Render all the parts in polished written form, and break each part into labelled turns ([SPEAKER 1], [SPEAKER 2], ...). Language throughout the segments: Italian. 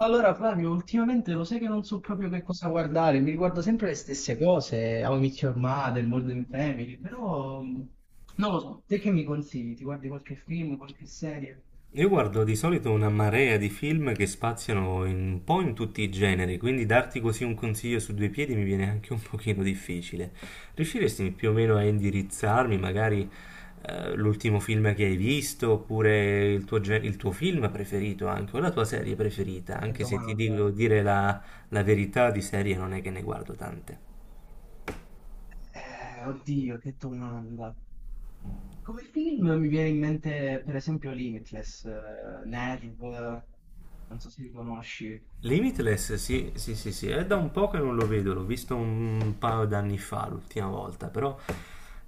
[SPEAKER 1] Allora, Flavio, ultimamente lo sai che non so proprio che cosa guardare, mi riguardo sempre le stesse cose, How I Met Your Mother, Modern Family, però non lo so, te che mi consigli? Ti guardi qualche film, qualche serie?
[SPEAKER 2] Io guardo di solito una marea di film che spaziano un po' in tutti i generi, quindi darti così un consiglio su due piedi mi viene anche un pochino difficile. Riusciresti più o meno a indirizzarmi, magari l'ultimo film che hai visto, oppure il tuo, il tuo film preferito anche, o la tua serie preferita,
[SPEAKER 1] Che
[SPEAKER 2] anche se ti
[SPEAKER 1] domanda.
[SPEAKER 2] dico dire la verità di serie non è che ne guardo tante.
[SPEAKER 1] Oddio, che domanda. Come film mi viene in mente per esempio Limitless, Nerve, non so se li conosci.
[SPEAKER 2] Limitless, sì, sì, sì, sì, è da un po' che non lo vedo, l'ho visto un paio d'anni fa l'ultima volta, però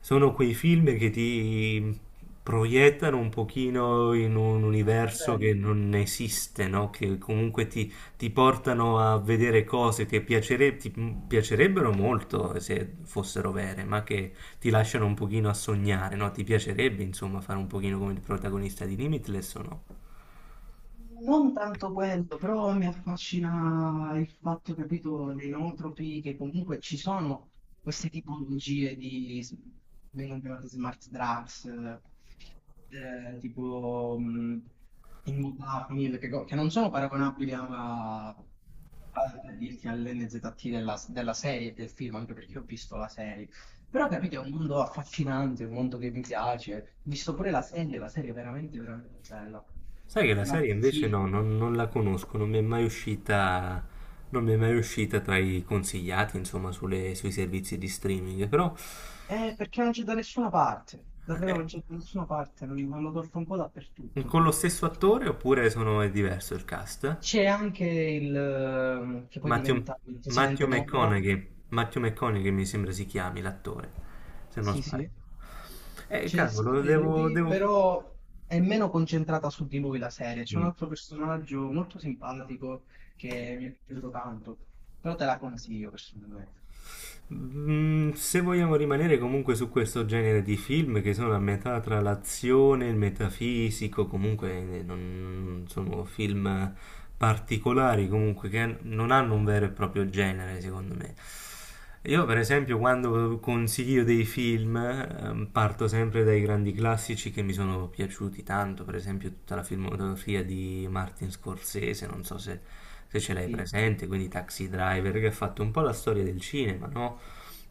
[SPEAKER 2] sono quei film che ti proiettano un pochino in un universo
[SPEAKER 1] Eh,
[SPEAKER 2] che non esiste, no? Che comunque ti portano a vedere cose che ti piacerebbero molto se fossero vere, ma che ti lasciano un pochino a sognare, no? Ti piacerebbe, insomma, fare un pochino come il protagonista di Limitless o no?
[SPEAKER 1] Non tanto quello, però mi affascina il fatto, capito, dei nootropy, che comunque ci sono queste tipologie vengono chiamate smart drugs, tipo immodafinil, che non sono paragonabili a, per dirti all'NZT della serie, del film, anche perché ho visto la serie. Però capite, è un mondo affascinante, un mondo che mi piace. Ho visto pure la serie è veramente, veramente bella.
[SPEAKER 2] Sai che la
[SPEAKER 1] La
[SPEAKER 2] serie invece no,
[SPEAKER 1] consiglio.
[SPEAKER 2] non la conosco, non mi è mai uscita tra i consigliati, insomma, sui servizi di streaming, però
[SPEAKER 1] Perché non c'è da nessuna parte. Davvero
[SPEAKER 2] è
[SPEAKER 1] non c'è da nessuna parte, non lo trovo un po' dappertutto.
[SPEAKER 2] con lo stesso attore oppure sono, è diverso il cast?
[SPEAKER 1] C'è anche che poi
[SPEAKER 2] Matthew,
[SPEAKER 1] diventa il presidente Morra.
[SPEAKER 2] Matthew McConaughey mi sembra si chiami l'attore, se non
[SPEAKER 1] Sì,
[SPEAKER 2] sbaglio.
[SPEAKER 1] sì. C'è
[SPEAKER 2] Cavolo,
[SPEAKER 1] sempre
[SPEAKER 2] devo,
[SPEAKER 1] lui,
[SPEAKER 2] devo...
[SPEAKER 1] però è meno concentrata su di lui la serie. C'è un
[SPEAKER 2] mm,
[SPEAKER 1] altro personaggio molto simpatico che mi è piaciuto tanto. Però te la consiglio personalmente.
[SPEAKER 2] Se vogliamo rimanere comunque su questo genere di film che sono a metà tra l'azione e il metafisico, comunque non sono film particolari, comunque che non hanno un vero e proprio genere, secondo me. Io per esempio quando consiglio dei film parto sempre dai grandi classici che mi sono piaciuti tanto, per esempio tutta la filmografia di Martin Scorsese, non so se ce l'hai
[SPEAKER 1] Sì, sì,
[SPEAKER 2] presente,
[SPEAKER 1] sì.
[SPEAKER 2] quindi Taxi Driver che ha fatto un po' la storia del cinema, no?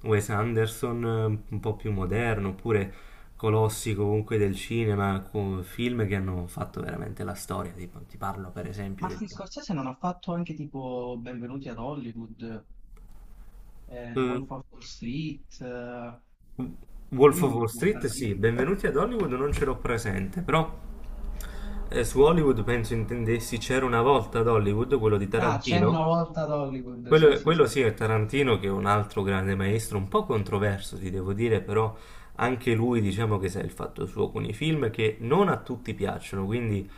[SPEAKER 2] Wes Anderson un po' più moderno, oppure colossi comunque del cinema, con film che hanno fatto veramente la storia, tipo, ti parlo per esempio
[SPEAKER 1] Martin Scorsese non ha fatto anche tipo Benvenuti ad Hollywood, The
[SPEAKER 2] del...
[SPEAKER 1] Wolf of Wall Street, dei
[SPEAKER 2] Wolf of
[SPEAKER 1] film
[SPEAKER 2] Wall Street,
[SPEAKER 1] importanti.
[SPEAKER 2] sì, benvenuti ad Hollywood, non ce l'ho presente, però su Hollywood penso intendessi C'era una volta ad Hollywood, quello di
[SPEAKER 1] Ah, c'era una
[SPEAKER 2] Tarantino.
[SPEAKER 1] volta ad Hollywood, sì,
[SPEAKER 2] Quello,
[SPEAKER 1] sì, sì.
[SPEAKER 2] quello sì è Tarantino che è un altro grande maestro, un po' controverso, ti devo dire, però anche lui diciamo che sa il fatto suo con i film che non a tutti piacciono, quindi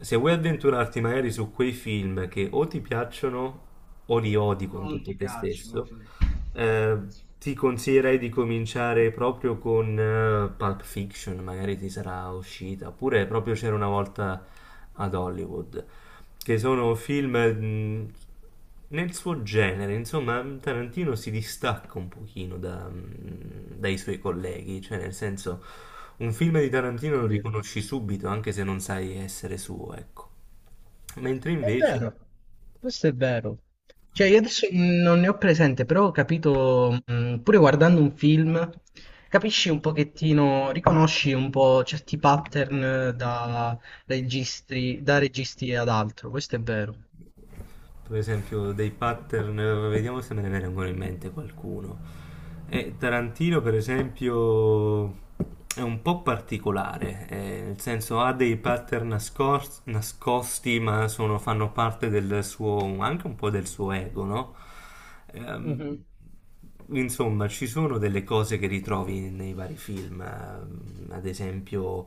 [SPEAKER 2] se vuoi avventurarti magari su quei film che o ti piacciono o li odi con
[SPEAKER 1] Non
[SPEAKER 2] tutto
[SPEAKER 1] ti
[SPEAKER 2] te
[SPEAKER 1] piacciono,
[SPEAKER 2] stesso,
[SPEAKER 1] sì.
[SPEAKER 2] eh, ti consiglierei di cominciare proprio con Pulp Fiction, magari ti sarà uscita, oppure proprio c'era una volta ad Hollywood, che sono film nel suo genere, insomma, Tarantino si distacca un pochino dai suoi colleghi, cioè nel senso un film di Tarantino lo
[SPEAKER 1] Capito?
[SPEAKER 2] riconosci subito, anche se non sai essere suo, ecco. Mentre
[SPEAKER 1] È
[SPEAKER 2] invece.
[SPEAKER 1] vero, questo è vero. Cioè, io adesso non ne ho presente, però ho capito, pure guardando un film, capisci un pochettino, riconosci un po' certi pattern da registri, da registi ad altro, questo è vero.
[SPEAKER 2] Per esempio dei pattern, vediamo se me ne viene ancora in mente qualcuno. E Tarantino, per esempio, è un po' particolare, nel senso ha dei pattern nascosti, ma fanno parte del suo, anche un po' del suo ego, no?
[SPEAKER 1] Mhm.
[SPEAKER 2] Ehm, insomma, ci sono delle cose che ritrovi nei vari film, ad esempio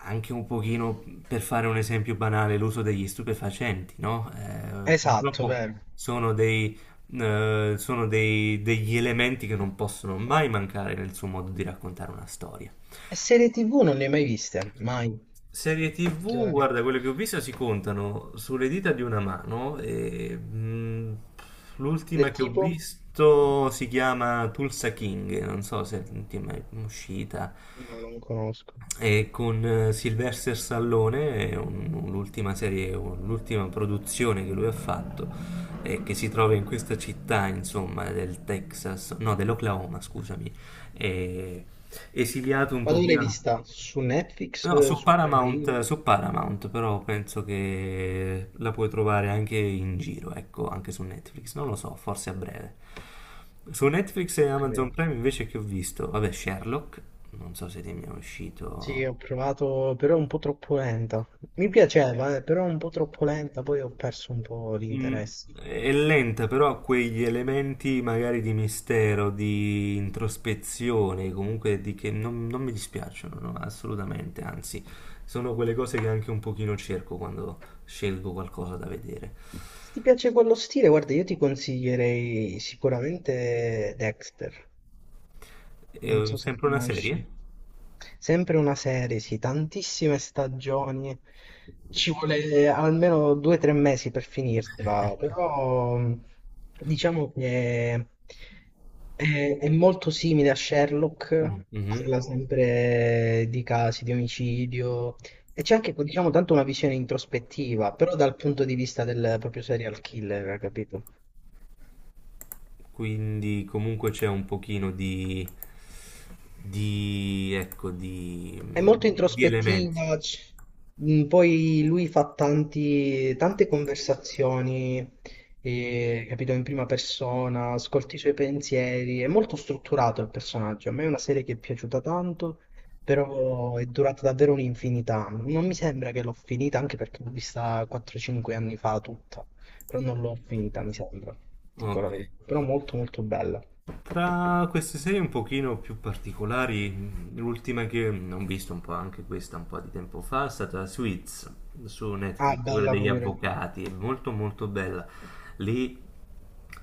[SPEAKER 2] anche un pochino, per fare un esempio banale, l'uso degli stupefacenti, no?
[SPEAKER 1] Esatto,
[SPEAKER 2] Purtroppo
[SPEAKER 1] vero.
[SPEAKER 2] sono dei, degli elementi che non possono mai mancare nel suo modo di raccontare una storia.
[SPEAKER 1] E serie TV non ne hai mai viste? Mai.
[SPEAKER 2] Serie
[SPEAKER 1] Non ti
[SPEAKER 2] TV,
[SPEAKER 1] vorrei-
[SPEAKER 2] guarda, quelle che ho visto si contano sulle dita di una mano e l'ultima
[SPEAKER 1] Del
[SPEAKER 2] che ho
[SPEAKER 1] tipo?
[SPEAKER 2] visto si chiama Tulsa King, non so se ti è mai uscita.
[SPEAKER 1] Io non conosco.
[SPEAKER 2] E con Sylvester Stallone, è l'ultima produzione che lui ha fatto, che si trova in questa città, insomma, del Texas, no, dell'Oklahoma, scusami, eh, esiliato un
[SPEAKER 1] Ma dove l'hai
[SPEAKER 2] pochino.
[SPEAKER 1] vista? Su
[SPEAKER 2] No,
[SPEAKER 1] Netflix? Su Prime Video?
[SPEAKER 2] Su Paramount, però penso che la puoi trovare anche in giro, ecco, anche su Netflix, non lo so, forse a breve. Su Netflix e
[SPEAKER 1] Ho
[SPEAKER 2] Amazon
[SPEAKER 1] capito.
[SPEAKER 2] Prime invece che ho visto, vabbè, Sherlock, non so se ti è mai
[SPEAKER 1] Sì,
[SPEAKER 2] uscito.
[SPEAKER 1] ho provato, però è un po' troppo lenta. Mi piaceva, però è un po' troppo lenta, poi ho perso un po'
[SPEAKER 2] Mm,
[SPEAKER 1] l'interesse.
[SPEAKER 2] È lenta, però ha quegli elementi magari di mistero, di introspezione, comunque di che non mi dispiacciono, no, assolutamente, anzi, sono quelle cose che anche un pochino cerco quando scelgo qualcosa da vedere.
[SPEAKER 1] Se ti piace quello stile, guarda, io ti consiglierei sicuramente Dexter.
[SPEAKER 2] È
[SPEAKER 1] Non so se la
[SPEAKER 2] sempre una serie?
[SPEAKER 1] conosci. Sempre una serie, sì, tantissime stagioni. Ci vuole almeno 2 o 3 mesi per finirtela, però diciamo che è molto simile a
[SPEAKER 2] Mm,
[SPEAKER 1] Sherlock,
[SPEAKER 2] mhm.
[SPEAKER 1] parla sempre di casi di omicidio e c'è anche, diciamo, tanto una visione introspettiva, però dal punto di vista del proprio serial killer, capito?
[SPEAKER 2] Quindi comunque c'è un pochino ecco, di,
[SPEAKER 1] È molto
[SPEAKER 2] di elementi.
[SPEAKER 1] introspettiva, poi lui fa tante conversazioni, capito, in prima persona, ascolti i suoi pensieri, è molto strutturato il personaggio. A me è una serie che è piaciuta tanto, però è durata davvero un'infinità. Non mi sembra che l'ho finita, anche perché l'ho vista 4-5 anni fa tutta, però non l'ho finita, mi sembra, dico
[SPEAKER 2] Ok.
[SPEAKER 1] la verità. Però molto molto bella.
[SPEAKER 2] Tra queste serie un pochino più particolari, l'ultima che ho visto un po' anche questa un po' di tempo fa è stata Suits su
[SPEAKER 1] Ah,
[SPEAKER 2] Netflix, quella
[SPEAKER 1] bella
[SPEAKER 2] degli
[SPEAKER 1] pure.
[SPEAKER 2] avvocati, è molto molto bella. Lì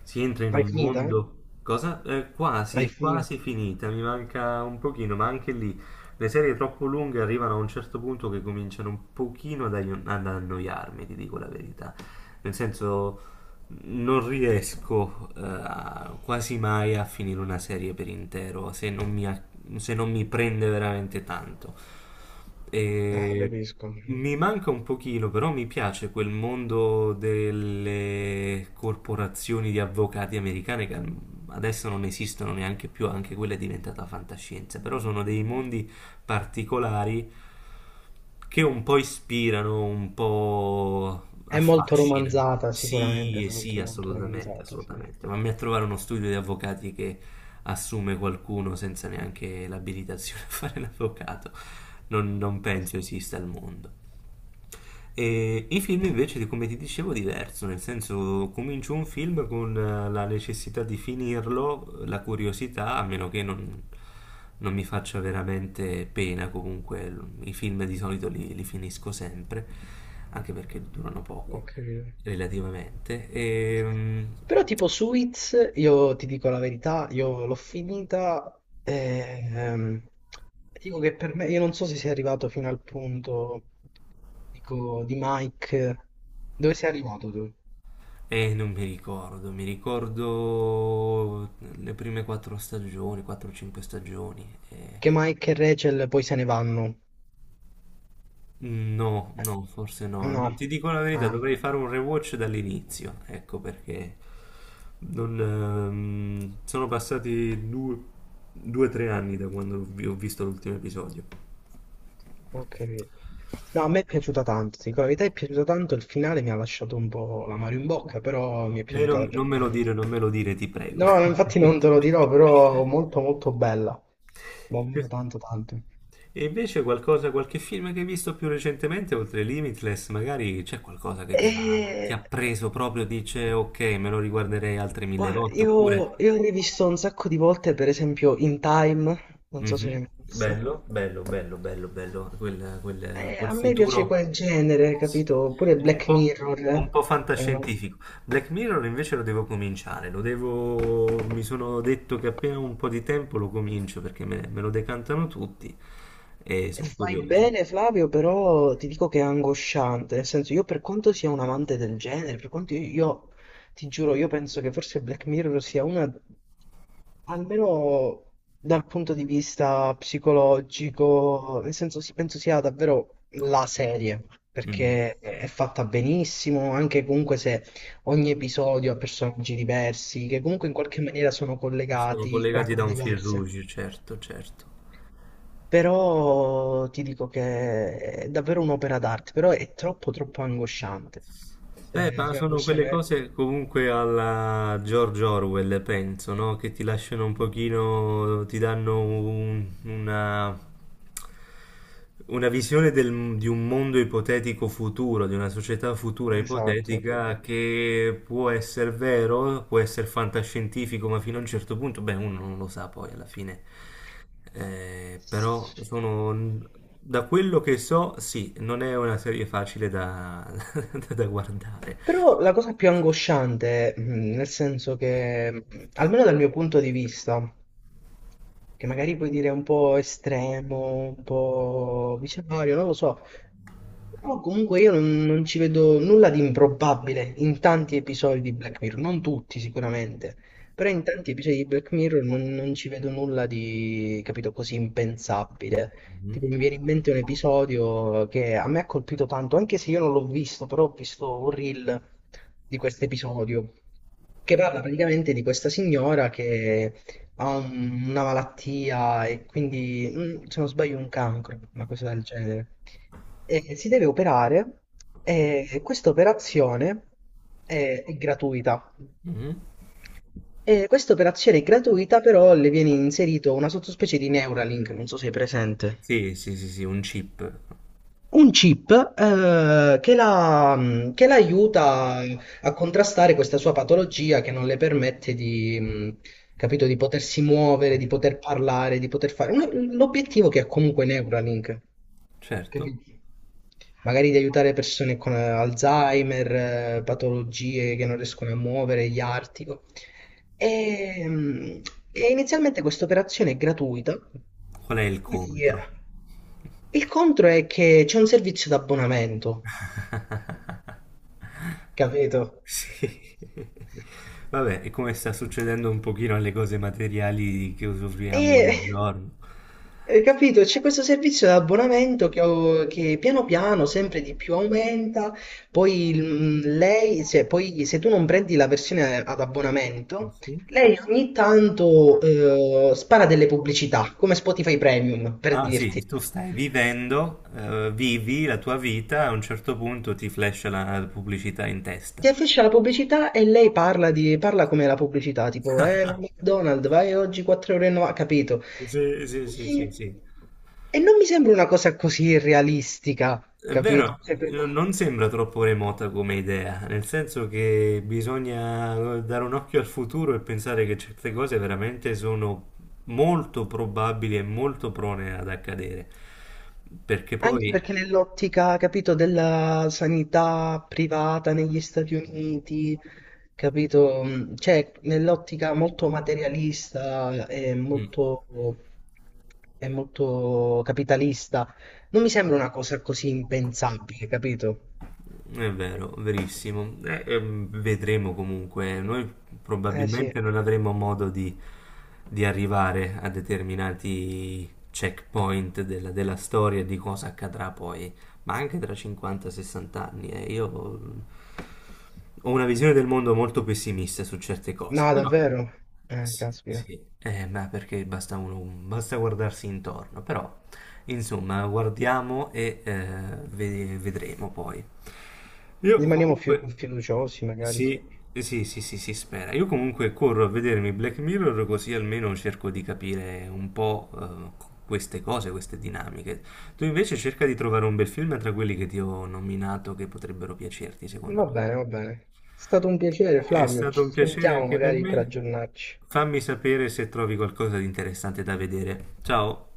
[SPEAKER 2] si entra in
[SPEAKER 1] L'hai
[SPEAKER 2] un
[SPEAKER 1] finita?
[SPEAKER 2] mondo, cosa?
[SPEAKER 1] L'hai finita?
[SPEAKER 2] Quasi finita, mi manca un pochino, ma anche lì le serie troppo lunghe arrivano a un certo punto che cominciano un pochino ad annoiarmi, ti dico la verità. Nel senso, non riesco quasi mai a finire una serie per intero se non mi prende veramente tanto.
[SPEAKER 1] Ah,
[SPEAKER 2] E
[SPEAKER 1] capisco.
[SPEAKER 2] mi manca un pochino, però mi piace quel mondo delle corporazioni di avvocati americane che adesso non esistono neanche più, anche quella è diventata fantascienza, però sono dei mondi particolari che un po' ispirano, un po'
[SPEAKER 1] È molto
[SPEAKER 2] affascinano.
[SPEAKER 1] romanzata, sicuramente,
[SPEAKER 2] Sì, sì,
[SPEAKER 1] molto, molto
[SPEAKER 2] assolutamente,
[SPEAKER 1] romanzata, sì.
[SPEAKER 2] assolutamente. Mamma mia, a trovare uno studio di avvocati che assume qualcuno senza neanche l'abilitazione a fare l'avvocato. Non
[SPEAKER 1] Eh
[SPEAKER 2] penso
[SPEAKER 1] sì,
[SPEAKER 2] esista al mondo. E i film invece, come ti dicevo, diverso, nel senso comincio un film con la necessità di finirlo, la curiosità, a meno che non mi faccia veramente pena, comunque i film di solito li finisco sempre, anche perché durano
[SPEAKER 1] ho
[SPEAKER 2] poco,
[SPEAKER 1] capito.
[SPEAKER 2] relativamente. E, mm,
[SPEAKER 1] Però tipo Suits, io ti dico la verità, io l'ho finita e ehm, dico che per me, io non so se sei arrivato fino al punto, dico, di Mike, dove sei arrivato tu?
[SPEAKER 2] e non mi ricordo, mi ricordo le prime quattro stagioni, 4-5 stagioni.
[SPEAKER 1] Che Mike e Rachel poi se ne vanno.
[SPEAKER 2] No, no, forse no. Non
[SPEAKER 1] No.
[SPEAKER 2] ti dico la verità,
[SPEAKER 1] Ah,
[SPEAKER 2] dovrei fare un rewatch dall'inizio. Ecco perché non, sono passati due, tre anni da quando ho visto l'ultimo episodio.
[SPEAKER 1] ok. No, a me è piaciuta tanto, ti dico la verità, è piaciuta tanto, il finale mi ha lasciato un po' l'amaro in bocca, però mi è
[SPEAKER 2] E
[SPEAKER 1] piaciuta davvero
[SPEAKER 2] non me lo
[SPEAKER 1] tanto.
[SPEAKER 2] dire, non me lo dire, ti prego.
[SPEAKER 1] No, no, infatti non te lo dirò, però molto molto bella, davvero tanto tanto.
[SPEAKER 2] E invece qualche film che hai visto più recentemente, oltre Limitless, magari c'è qualcosa che ti
[SPEAKER 1] E
[SPEAKER 2] ha preso proprio, dice ok, me lo riguarderei altre mille
[SPEAKER 1] guarda,
[SPEAKER 2] volte, oppure.
[SPEAKER 1] io ho rivisto un sacco di volte, per esempio In Time, non so se
[SPEAKER 2] Mhm.
[SPEAKER 1] l'hai mai visto.
[SPEAKER 2] Bello, bello, bello, bello, bello,
[SPEAKER 1] Eh,
[SPEAKER 2] quel
[SPEAKER 1] a me piace
[SPEAKER 2] futuro
[SPEAKER 1] quel genere, capito? Pure
[SPEAKER 2] un
[SPEAKER 1] Black
[SPEAKER 2] po',
[SPEAKER 1] Mirror,
[SPEAKER 2] un
[SPEAKER 1] eh,
[SPEAKER 2] po'
[SPEAKER 1] è una...
[SPEAKER 2] fantascientifico. Black Mirror invece lo devo cominciare, mi sono detto che appena ho un po' di tempo lo comincio perché me lo decantano tutti e sono
[SPEAKER 1] Fai
[SPEAKER 2] curioso.
[SPEAKER 1] bene Flavio, però ti dico che è angosciante, nel senso io per quanto sia un amante del genere, per quanto ti giuro, io penso che forse Black Mirror sia una, almeno dal punto di vista psicologico, nel senso sì, penso sia davvero la serie,
[SPEAKER 2] Mm.
[SPEAKER 1] perché è fatta benissimo, anche comunque se ogni episodio ha personaggi diversi, che comunque in qualche maniera sono
[SPEAKER 2] Sono
[SPEAKER 1] collegati,
[SPEAKER 2] collegati da
[SPEAKER 1] trame
[SPEAKER 2] un fil
[SPEAKER 1] diverse.
[SPEAKER 2] rouge, certo, certo.
[SPEAKER 1] Però ti dico che è davvero un'opera d'arte, però è troppo troppo angosciante.
[SPEAKER 2] Beh, ma
[SPEAKER 1] Sì,
[SPEAKER 2] sono quelle
[SPEAKER 1] angosciante.
[SPEAKER 2] cose comunque alla George Orwell, penso, no? Che ti lasciano un pochino, ti danno una visione di un mondo ipotetico futuro, di una società futura
[SPEAKER 1] Esatto.
[SPEAKER 2] ipotetica che può essere vero, può essere fantascientifico, ma fino a un certo punto, beh, uno non lo sa poi alla fine. Però sono, da quello che so, sì, non è una serie facile da, da guardare.
[SPEAKER 1] Però la cosa più angosciante, nel senso che, almeno dal mio punto di vista, che magari puoi dire è un po' estremo, un po' visionario, non lo so. Però comunque io non ci vedo nulla di improbabile in tanti episodi di Black Mirror, non tutti sicuramente, però in tanti episodi di Black Mirror non ci vedo nulla di, capito, così impensabile.
[SPEAKER 2] Mhm,
[SPEAKER 1] Tipo, mi viene in mente un episodio che a me ha colpito tanto, anche se io non l'ho visto, però ho visto un reel di questo episodio che parla praticamente di questa signora che ha una malattia e quindi, se non sbaglio, un cancro, una cosa del genere. E si deve operare e questa operazione è gratuita.
[SPEAKER 2] mhm.
[SPEAKER 1] E questa operazione è gratuita, però le viene inserito una sottospecie di Neuralink, non so se è presente.
[SPEAKER 2] Sì, sì, sì, sì, un chip.
[SPEAKER 1] Un chip che la aiuta a contrastare questa sua patologia che non le permette, capito, di potersi muovere, di poter parlare, di poter fare. L'obiettivo che ha comunque Neuralink,
[SPEAKER 2] Certo.
[SPEAKER 1] capito? Magari di aiutare persone con Alzheimer, patologie che non riescono a muovere, gli artico. E, mh, e inizialmente questa operazione è gratuita.
[SPEAKER 2] Qual è il
[SPEAKER 1] Poi,
[SPEAKER 2] contro?
[SPEAKER 1] il contro è che c'è un servizio d'abbonamento. Capito?
[SPEAKER 2] Sì. Vabbè, è come sta succedendo un pochino alle cose materiali che
[SPEAKER 1] E
[SPEAKER 2] usufruiamo ogni giorno.
[SPEAKER 1] hai capito? C'è questo servizio di abbonamento che piano piano sempre di più aumenta, poi il- mm, lei, se, poi se tu non prendi la versione ad abbonamento,
[SPEAKER 2] Sì.
[SPEAKER 1] lei ogni tanto spara delle pubblicità, come Spotify Premium, per
[SPEAKER 2] Ah sì,
[SPEAKER 1] dirti.
[SPEAKER 2] tu stai vivendo, vivi la tua vita, a un certo punto ti flash la pubblicità in
[SPEAKER 1] Ti
[SPEAKER 2] testa.
[SPEAKER 1] affiscia la pubblicità e lei parla come la pubblicità, tipo, no, McDonald's, vai oggi 4,90 euro, e novanta, capito?
[SPEAKER 2] Sì, sì, sì, sì, sì.
[SPEAKER 1] E non mi sembra una cosa così irrealistica,
[SPEAKER 2] È
[SPEAKER 1] capito?
[SPEAKER 2] vero,
[SPEAKER 1] Cioè,
[SPEAKER 2] non sembra troppo remota come idea, nel senso che bisogna dare un occhio al futuro e pensare che certe cose veramente sono molto probabili e molto prone ad accadere, perché
[SPEAKER 1] anche
[SPEAKER 2] poi.
[SPEAKER 1] perché nell'ottica, capito, della sanità privata negli Stati Uniti, capito? Cioè, nell'ottica molto materialista e
[SPEAKER 2] mm,
[SPEAKER 1] molto, e molto capitalista, non mi sembra una cosa così impensabile, capito?
[SPEAKER 2] È vero, verissimo. Vedremo comunque. Noi
[SPEAKER 1] Eh sì,
[SPEAKER 2] probabilmente non avremo modo di arrivare a determinati checkpoint della storia e di cosa accadrà poi, ma anche tra 50-60 anni. Io mm, ho una visione del mondo molto pessimista su certe cose.
[SPEAKER 1] no, davvero.
[SPEAKER 2] Sì,
[SPEAKER 1] Caspita.
[SPEAKER 2] sì. Ma perché basta, basta guardarsi intorno, però insomma guardiamo e vedremo poi. Io
[SPEAKER 1] Rimaniamo fiu-
[SPEAKER 2] comunque.
[SPEAKER 1] fiduciosi, magari,
[SPEAKER 2] Sì,
[SPEAKER 1] sì.
[SPEAKER 2] sì, sì, sì, si spera. Io comunque corro a vedermi Black Mirror così almeno cerco di capire un po' queste cose, queste dinamiche. Tu invece cerca di trovare un bel film tra quelli che ti ho nominato che potrebbero piacerti, secondo
[SPEAKER 1] Va
[SPEAKER 2] me.
[SPEAKER 1] bene, va bene. È stato un piacere,
[SPEAKER 2] È
[SPEAKER 1] Flavio.
[SPEAKER 2] stato
[SPEAKER 1] Ci
[SPEAKER 2] un piacere
[SPEAKER 1] sentiamo
[SPEAKER 2] anche per
[SPEAKER 1] magari per
[SPEAKER 2] me.
[SPEAKER 1] aggiornarci.
[SPEAKER 2] Fammi sapere se trovi qualcosa di interessante da vedere. Ciao!